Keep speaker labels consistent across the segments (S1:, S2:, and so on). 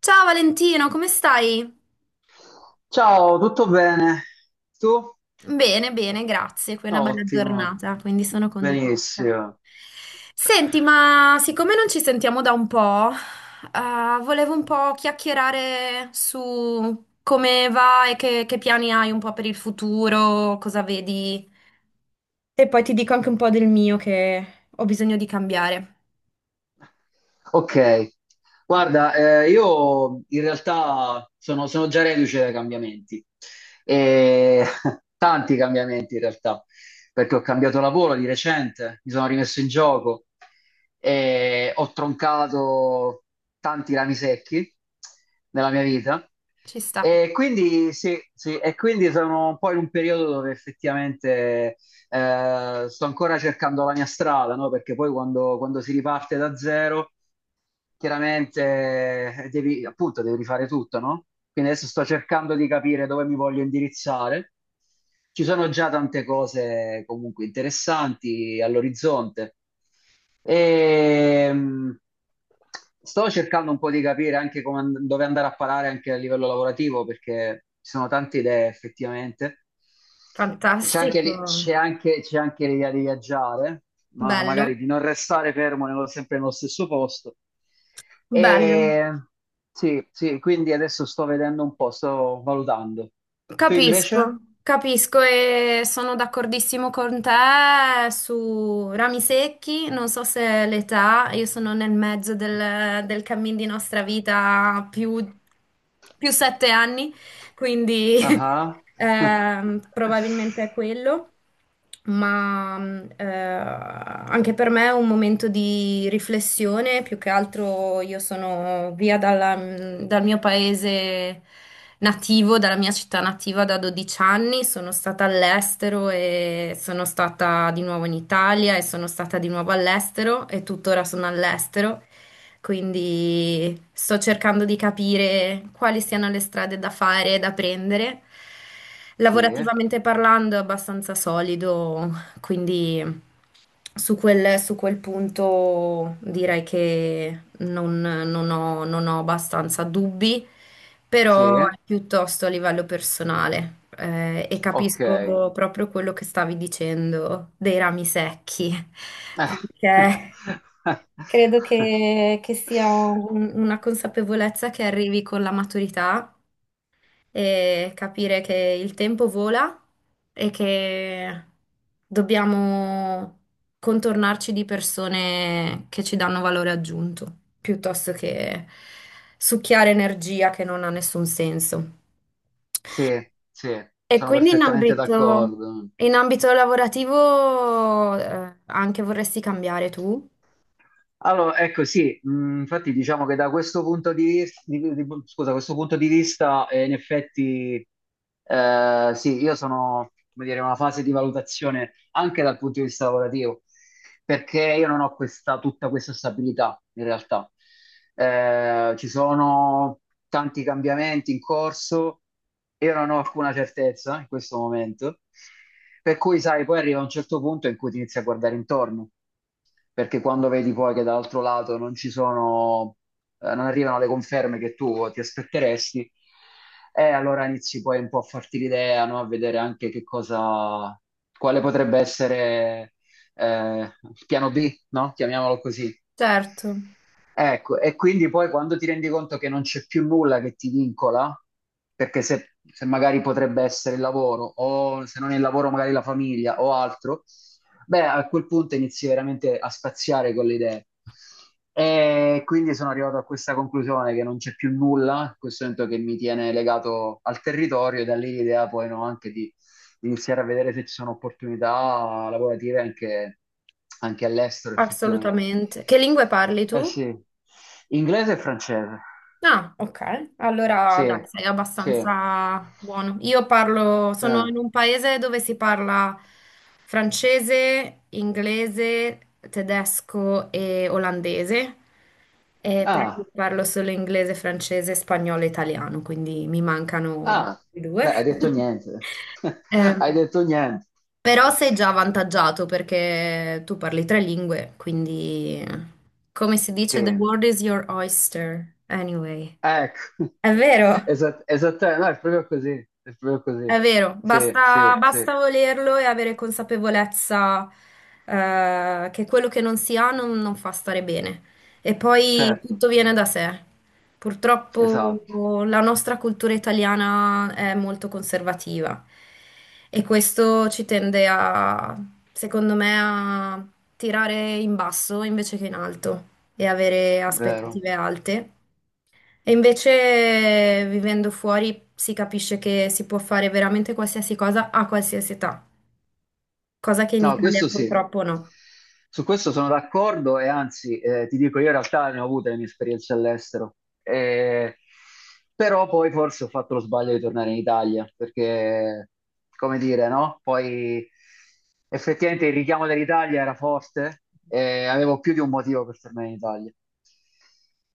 S1: Ciao Valentino, come stai?
S2: Ciao, tutto bene? Tu?
S1: Bene, bene, grazie. Qui è una bella
S2: Ottimo,
S1: giornata, quindi sono contenta.
S2: benissimo.
S1: Senti, ma siccome non ci sentiamo da un po', volevo un po' chiacchierare su come va e che piani hai un po' per il futuro, cosa vedi. E poi ti dico anche un po' del mio che ho bisogno di cambiare.
S2: Ok, guarda, io in realtà sono già reduce dai cambiamenti, e tanti cambiamenti in realtà, perché ho cambiato lavoro di recente, mi sono rimesso in gioco e ho troncato tanti rami secchi nella mia vita.
S1: Ci sta.
S2: E quindi, sì, sì, e quindi sono un po' in un periodo dove effettivamente sto ancora cercando la mia strada, no? Perché poi quando si riparte da zero chiaramente devi, appunto, devi rifare tutto, no? Quindi adesso sto cercando di capire dove mi voglio indirizzare. Ci sono già tante cose comunque interessanti all'orizzonte. E, sto cercando un po' di capire anche come dove andare a parare anche a livello lavorativo, perché ci sono tante idee effettivamente. C'è anche,
S1: Fantastico.
S2: c'è anche, c'è anche l'idea di viaggiare, ma no, magari
S1: Bello,
S2: di non restare fermo sempre nello stesso posto.
S1: bello.
S2: E sì, sì, quindi adesso sto vedendo un po', sto valutando. Tu
S1: Capisco,
S2: invece?
S1: capisco e sono d'accordissimo con te su rami secchi, non so se l'età, io sono nel mezzo del cammin di nostra vita più, più 7 anni, quindi
S2: Ah, ah.
S1: probabilmente è quello ma anche per me è un momento di riflessione, più che altro io sono via dal mio paese nativo, dalla mia città nativa da 12 anni, sono stata all'estero e sono stata di nuovo in Italia e sono stata di nuovo all'estero e tuttora sono all'estero. Quindi sto cercando di capire quali siano le strade da fare e da prendere.
S2: Sì,
S1: Lavorativamente parlando è abbastanza solido, quindi su quel punto direi che non ho, non ho abbastanza dubbi,
S2: sì,
S1: però è piuttosto a livello personale. E
S2: ok.
S1: capisco proprio quello che stavi dicendo dei rami secchi, perché credo che sia una consapevolezza che arrivi con la maturità e capire che il tempo vola e che dobbiamo contornarci di persone che ci danno valore aggiunto, piuttosto che succhiare energia che non ha nessun senso.
S2: Sì, sì,
S1: E
S2: sono
S1: quindi
S2: perfettamente d'accordo.
S1: in ambito lavorativo, anche vorresti cambiare tu?
S2: Allora, ecco sì, infatti diciamo che da questo punto di vista, scusa, questo punto di vista in effetti sì, io sono, come dire, in una fase di valutazione anche dal punto di vista lavorativo, perché io non ho questa, tutta questa stabilità in realtà. Ci sono tanti cambiamenti in corso, io non ho alcuna certezza in questo momento, per cui sai, poi arriva un certo punto in cui ti inizi a guardare intorno perché quando vedi poi che dall'altro lato non ci sono, non arrivano le conferme che tu ti aspetteresti, e allora inizi poi un po' a farti l'idea, no? A vedere anche che cosa, quale potrebbe essere il piano B, no? Chiamiamolo così.
S1: Certo,
S2: Ecco, e quindi poi quando ti rendi conto che non c'è più nulla che ti vincola, perché se magari potrebbe essere il lavoro, o se non è il lavoro magari la famiglia o altro, beh, a quel punto inizi veramente a spaziare con le idee. E quindi sono arrivato a questa conclusione che non c'è più nulla, in questo momento che mi tiene legato al territorio e da lì l'idea poi no, anche di iniziare a vedere se ci sono opportunità lavorative anche, anche all'estero effettivamente.
S1: assolutamente. Che lingue parli
S2: Eh
S1: tu?
S2: sì, inglese e francese.
S1: Ah, ok, allora dai,
S2: Sì,
S1: sei
S2: sì.
S1: abbastanza buono. Io parlo, sono in un paese dove si parla francese, inglese, tedesco e olandese, e però io
S2: Ah.
S1: parlo solo inglese, francese, spagnolo e italiano, quindi mi mancano gli
S2: Ah,
S1: altri due.
S2: beh, hai detto niente. Hai
S1: Ehm,
S2: detto niente.
S1: Però sei già avvantaggiato perché tu parli 3 lingue, quindi come si
S2: Sì,
S1: dice, the world is your oyster, anyway.
S2: ecco.
S1: È vero,
S2: Esattamente, no, è proprio così, è proprio così.
S1: è vero,
S2: Sì,
S1: basta,
S2: sì, sì,
S1: basta volerlo e avere consapevolezza che quello che non si ha non fa stare bene. E poi
S2: certo,
S1: tutto viene da sé.
S2: esatto,
S1: Purtroppo la nostra cultura italiana è molto conservativa e questo ci tende a, secondo me, a tirare in basso invece che in alto e avere
S2: vero.
S1: aspettative alte. E invece vivendo fuori si capisce che si può fare veramente qualsiasi cosa a qualsiasi età, cosa che in
S2: No,
S1: Italia
S2: questo sì,
S1: purtroppo no.
S2: su questo sono d'accordo e anzi ti dico, io in realtà ne ho avute le mie esperienze all'estero, eh, però poi forse ho fatto lo sbaglio di tornare in Italia perché, come dire, no? Poi effettivamente il richiamo dell'Italia era forte e avevo più di un motivo per tornare in Italia.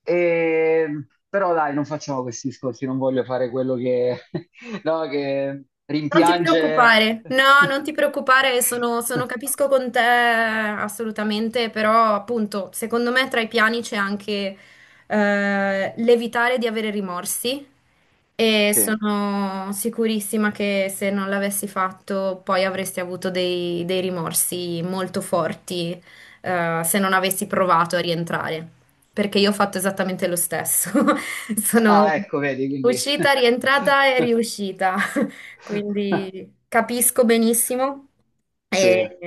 S2: Però dai, non facciamo questi discorsi, non voglio fare quello che, no, che
S1: Non ti
S2: rimpiange.
S1: preoccupare, no, non ti preoccupare, capisco con te assolutamente, però appunto, secondo me tra i piani c'è anche l'evitare di avere rimorsi e
S2: Sì.
S1: sono sicurissima che se non l'avessi fatto poi avresti avuto dei rimorsi molto forti se non avessi provato a rientrare, perché io ho fatto esattamente lo stesso, sono
S2: Ah, ecco, vedi, quindi...
S1: uscita, rientrata e riuscita, quindi capisco benissimo.
S2: Sì,
S1: E,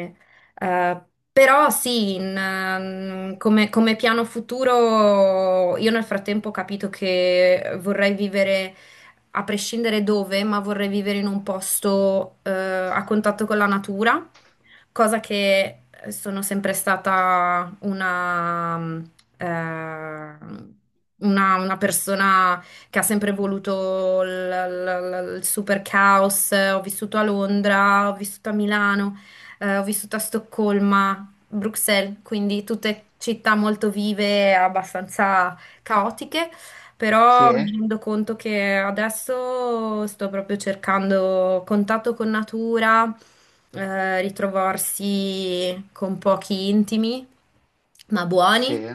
S1: eh, Però sì, come, come piano futuro io nel frattempo ho capito che vorrei vivere, a prescindere dove, ma vorrei vivere in un posto a contatto con la natura, cosa che sono sempre stata eh, una persona che ha sempre voluto il super caos. Ho vissuto a Londra, ho vissuto a Milano, ho vissuto a Stoccolma, Bruxelles, quindi tutte città molto vive e abbastanza caotiche.
S2: sì,
S1: Però mi rendo conto che adesso sto proprio cercando contatto con natura, ritrovarsi con pochi intimi, ma buoni
S2: sì.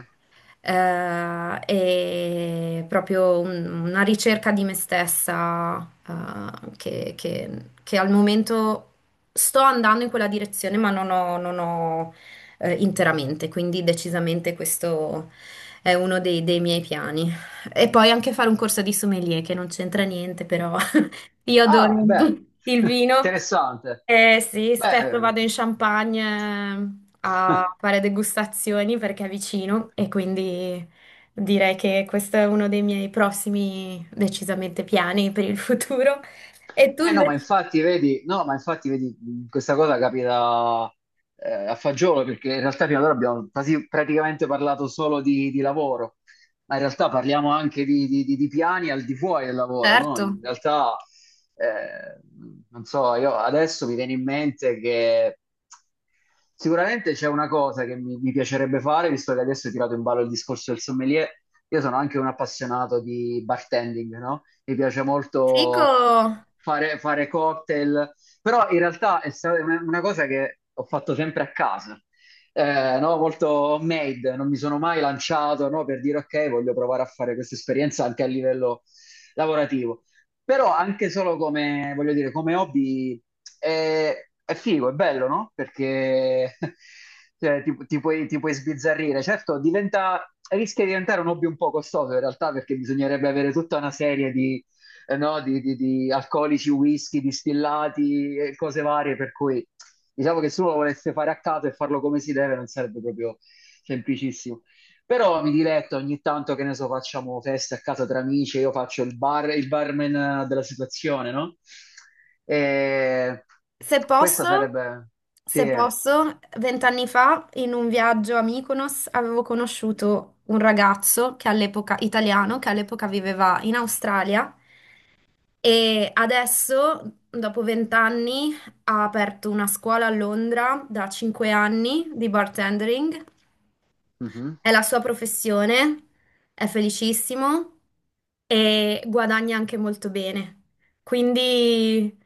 S1: e proprio una ricerca di me stessa, che, che al momento sto andando in quella direzione, ma non ho, interamente, quindi decisamente questo è uno dei miei piani. E poi anche fare un corso di sommelier, che non c'entra niente, però io adoro
S2: Ah, beh,
S1: il vino,
S2: interessante.
S1: eh sì, spesso
S2: Beh,
S1: vado in Champagne a fare degustazioni perché è vicino e quindi direi che questo è uno dei miei prossimi decisamente piani per il futuro. E tu
S2: eh no, ma
S1: invece?
S2: infatti vedi, no, ma infatti vedi, questa cosa capita a fagiolo perché in realtà fino ad ora abbiamo quasi praticamente parlato solo di lavoro. Ma in realtà parliamo anche di, di piani al di fuori del lavoro, no?
S1: Certo.
S2: In realtà, eh, non so, io adesso mi viene in mente che sicuramente c'è una cosa che mi piacerebbe fare, visto che adesso hai tirato in ballo il discorso del sommelier, io sono anche un appassionato di bartending, no? Mi piace
S1: Fico!
S2: molto fare cocktail, però in realtà è stata una cosa che ho fatto sempre a casa no, molto made, non mi sono mai lanciato no, per dire ok, voglio provare a fare questa esperienza anche a livello lavorativo. Però anche solo come, voglio dire, come hobby è, è figo, è bello, no? Perché cioè, ti puoi sbizzarrire. Certo, diventa, rischia di diventare un hobby un po' costoso in realtà perché bisognerebbe avere tutta una serie di no, di, alcolici, whisky, distillati e cose varie, per cui diciamo che se uno lo volesse fare a caso e farlo come si deve non sarebbe proprio semplicissimo. Però mi diletto ogni tanto, che ne so, facciamo feste a casa tra amici, io faccio il bar, il barman della situazione, no? E
S1: Se
S2: questa
S1: posso,
S2: sarebbe... Sì,
S1: se posso, 20 anni fa in un viaggio a Mykonos avevo conosciuto un ragazzo che all'epoca, italiano, che all'epoca viveva in Australia e adesso, dopo 20 anni, ha aperto una scuola a Londra da 5 anni di bartendering,
S2: mhm,
S1: è la sua professione, è felicissimo e guadagna anche molto bene. Quindi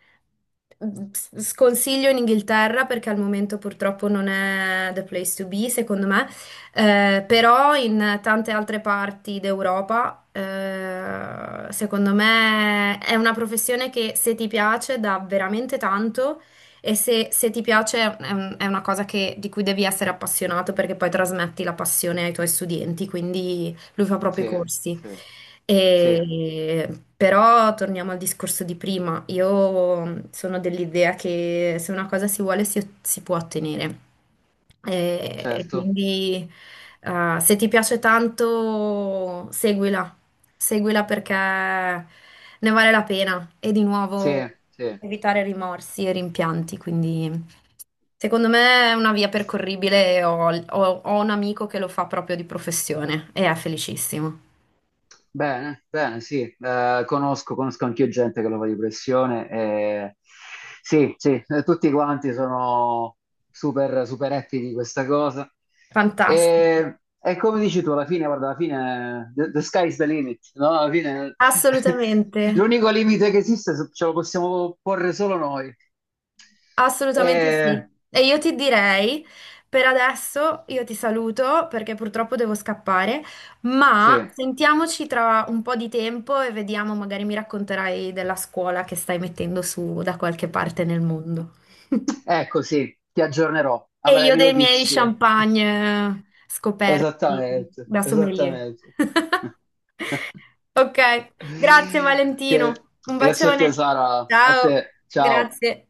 S1: mm, sconsiglio in Inghilterra perché al momento purtroppo non è the place to be, secondo me. Però in tante altre parti d'Europa, secondo me è una professione che se ti piace dà veramente tanto e se ti piace è è una cosa di cui devi essere appassionato perché poi trasmetti la passione ai tuoi studenti, quindi lui fa proprio i
S2: sì,
S1: corsi.
S2: sì, sì,
S1: E- Però torniamo al discorso di prima, io mm, sono dell'idea che se una cosa si vuole si può ottenere. E
S2: certo,
S1: quindi se ti piace tanto, seguila, seguila perché ne vale la pena. E di
S2: sì,
S1: nuovo
S2: sì.
S1: evitare rimorsi e rimpianti, quindi secondo me è una via percorribile. Ho un amico che lo fa proprio di professione e è felicissimo.
S2: Bene, bene, sì, eh, conosco, conosco anch'io gente che lo fa di pressione e sì, sì, tutti quanti sono super, super happy di questa cosa.
S1: Fantastico.
S2: E come dici tu, alla fine, guarda, alla fine the sky is the limit, no? Alla fine
S1: Assolutamente,
S2: l'unico limite che esiste ce lo possiamo porre solo noi. E,
S1: assolutamente sì. E io ti direi, per adesso io ti saluto perché purtroppo devo scappare,
S2: sì,
S1: ma sentiamoci tra un po' di tempo e vediamo, magari mi racconterai della scuola che stai mettendo su da qualche parte nel mondo.
S2: ecco, sì, ti aggiornerò,
S1: E
S2: avrai
S1: io
S2: mie
S1: dei miei
S2: notizie.
S1: champagne scoperti
S2: Esattamente,
S1: da sommelier.
S2: esattamente.
S1: Ok, grazie
S2: Che-
S1: Valentino. Un
S2: grazie a te
S1: bacione.
S2: Sara, a
S1: Ciao,
S2: te, ciao.
S1: grazie.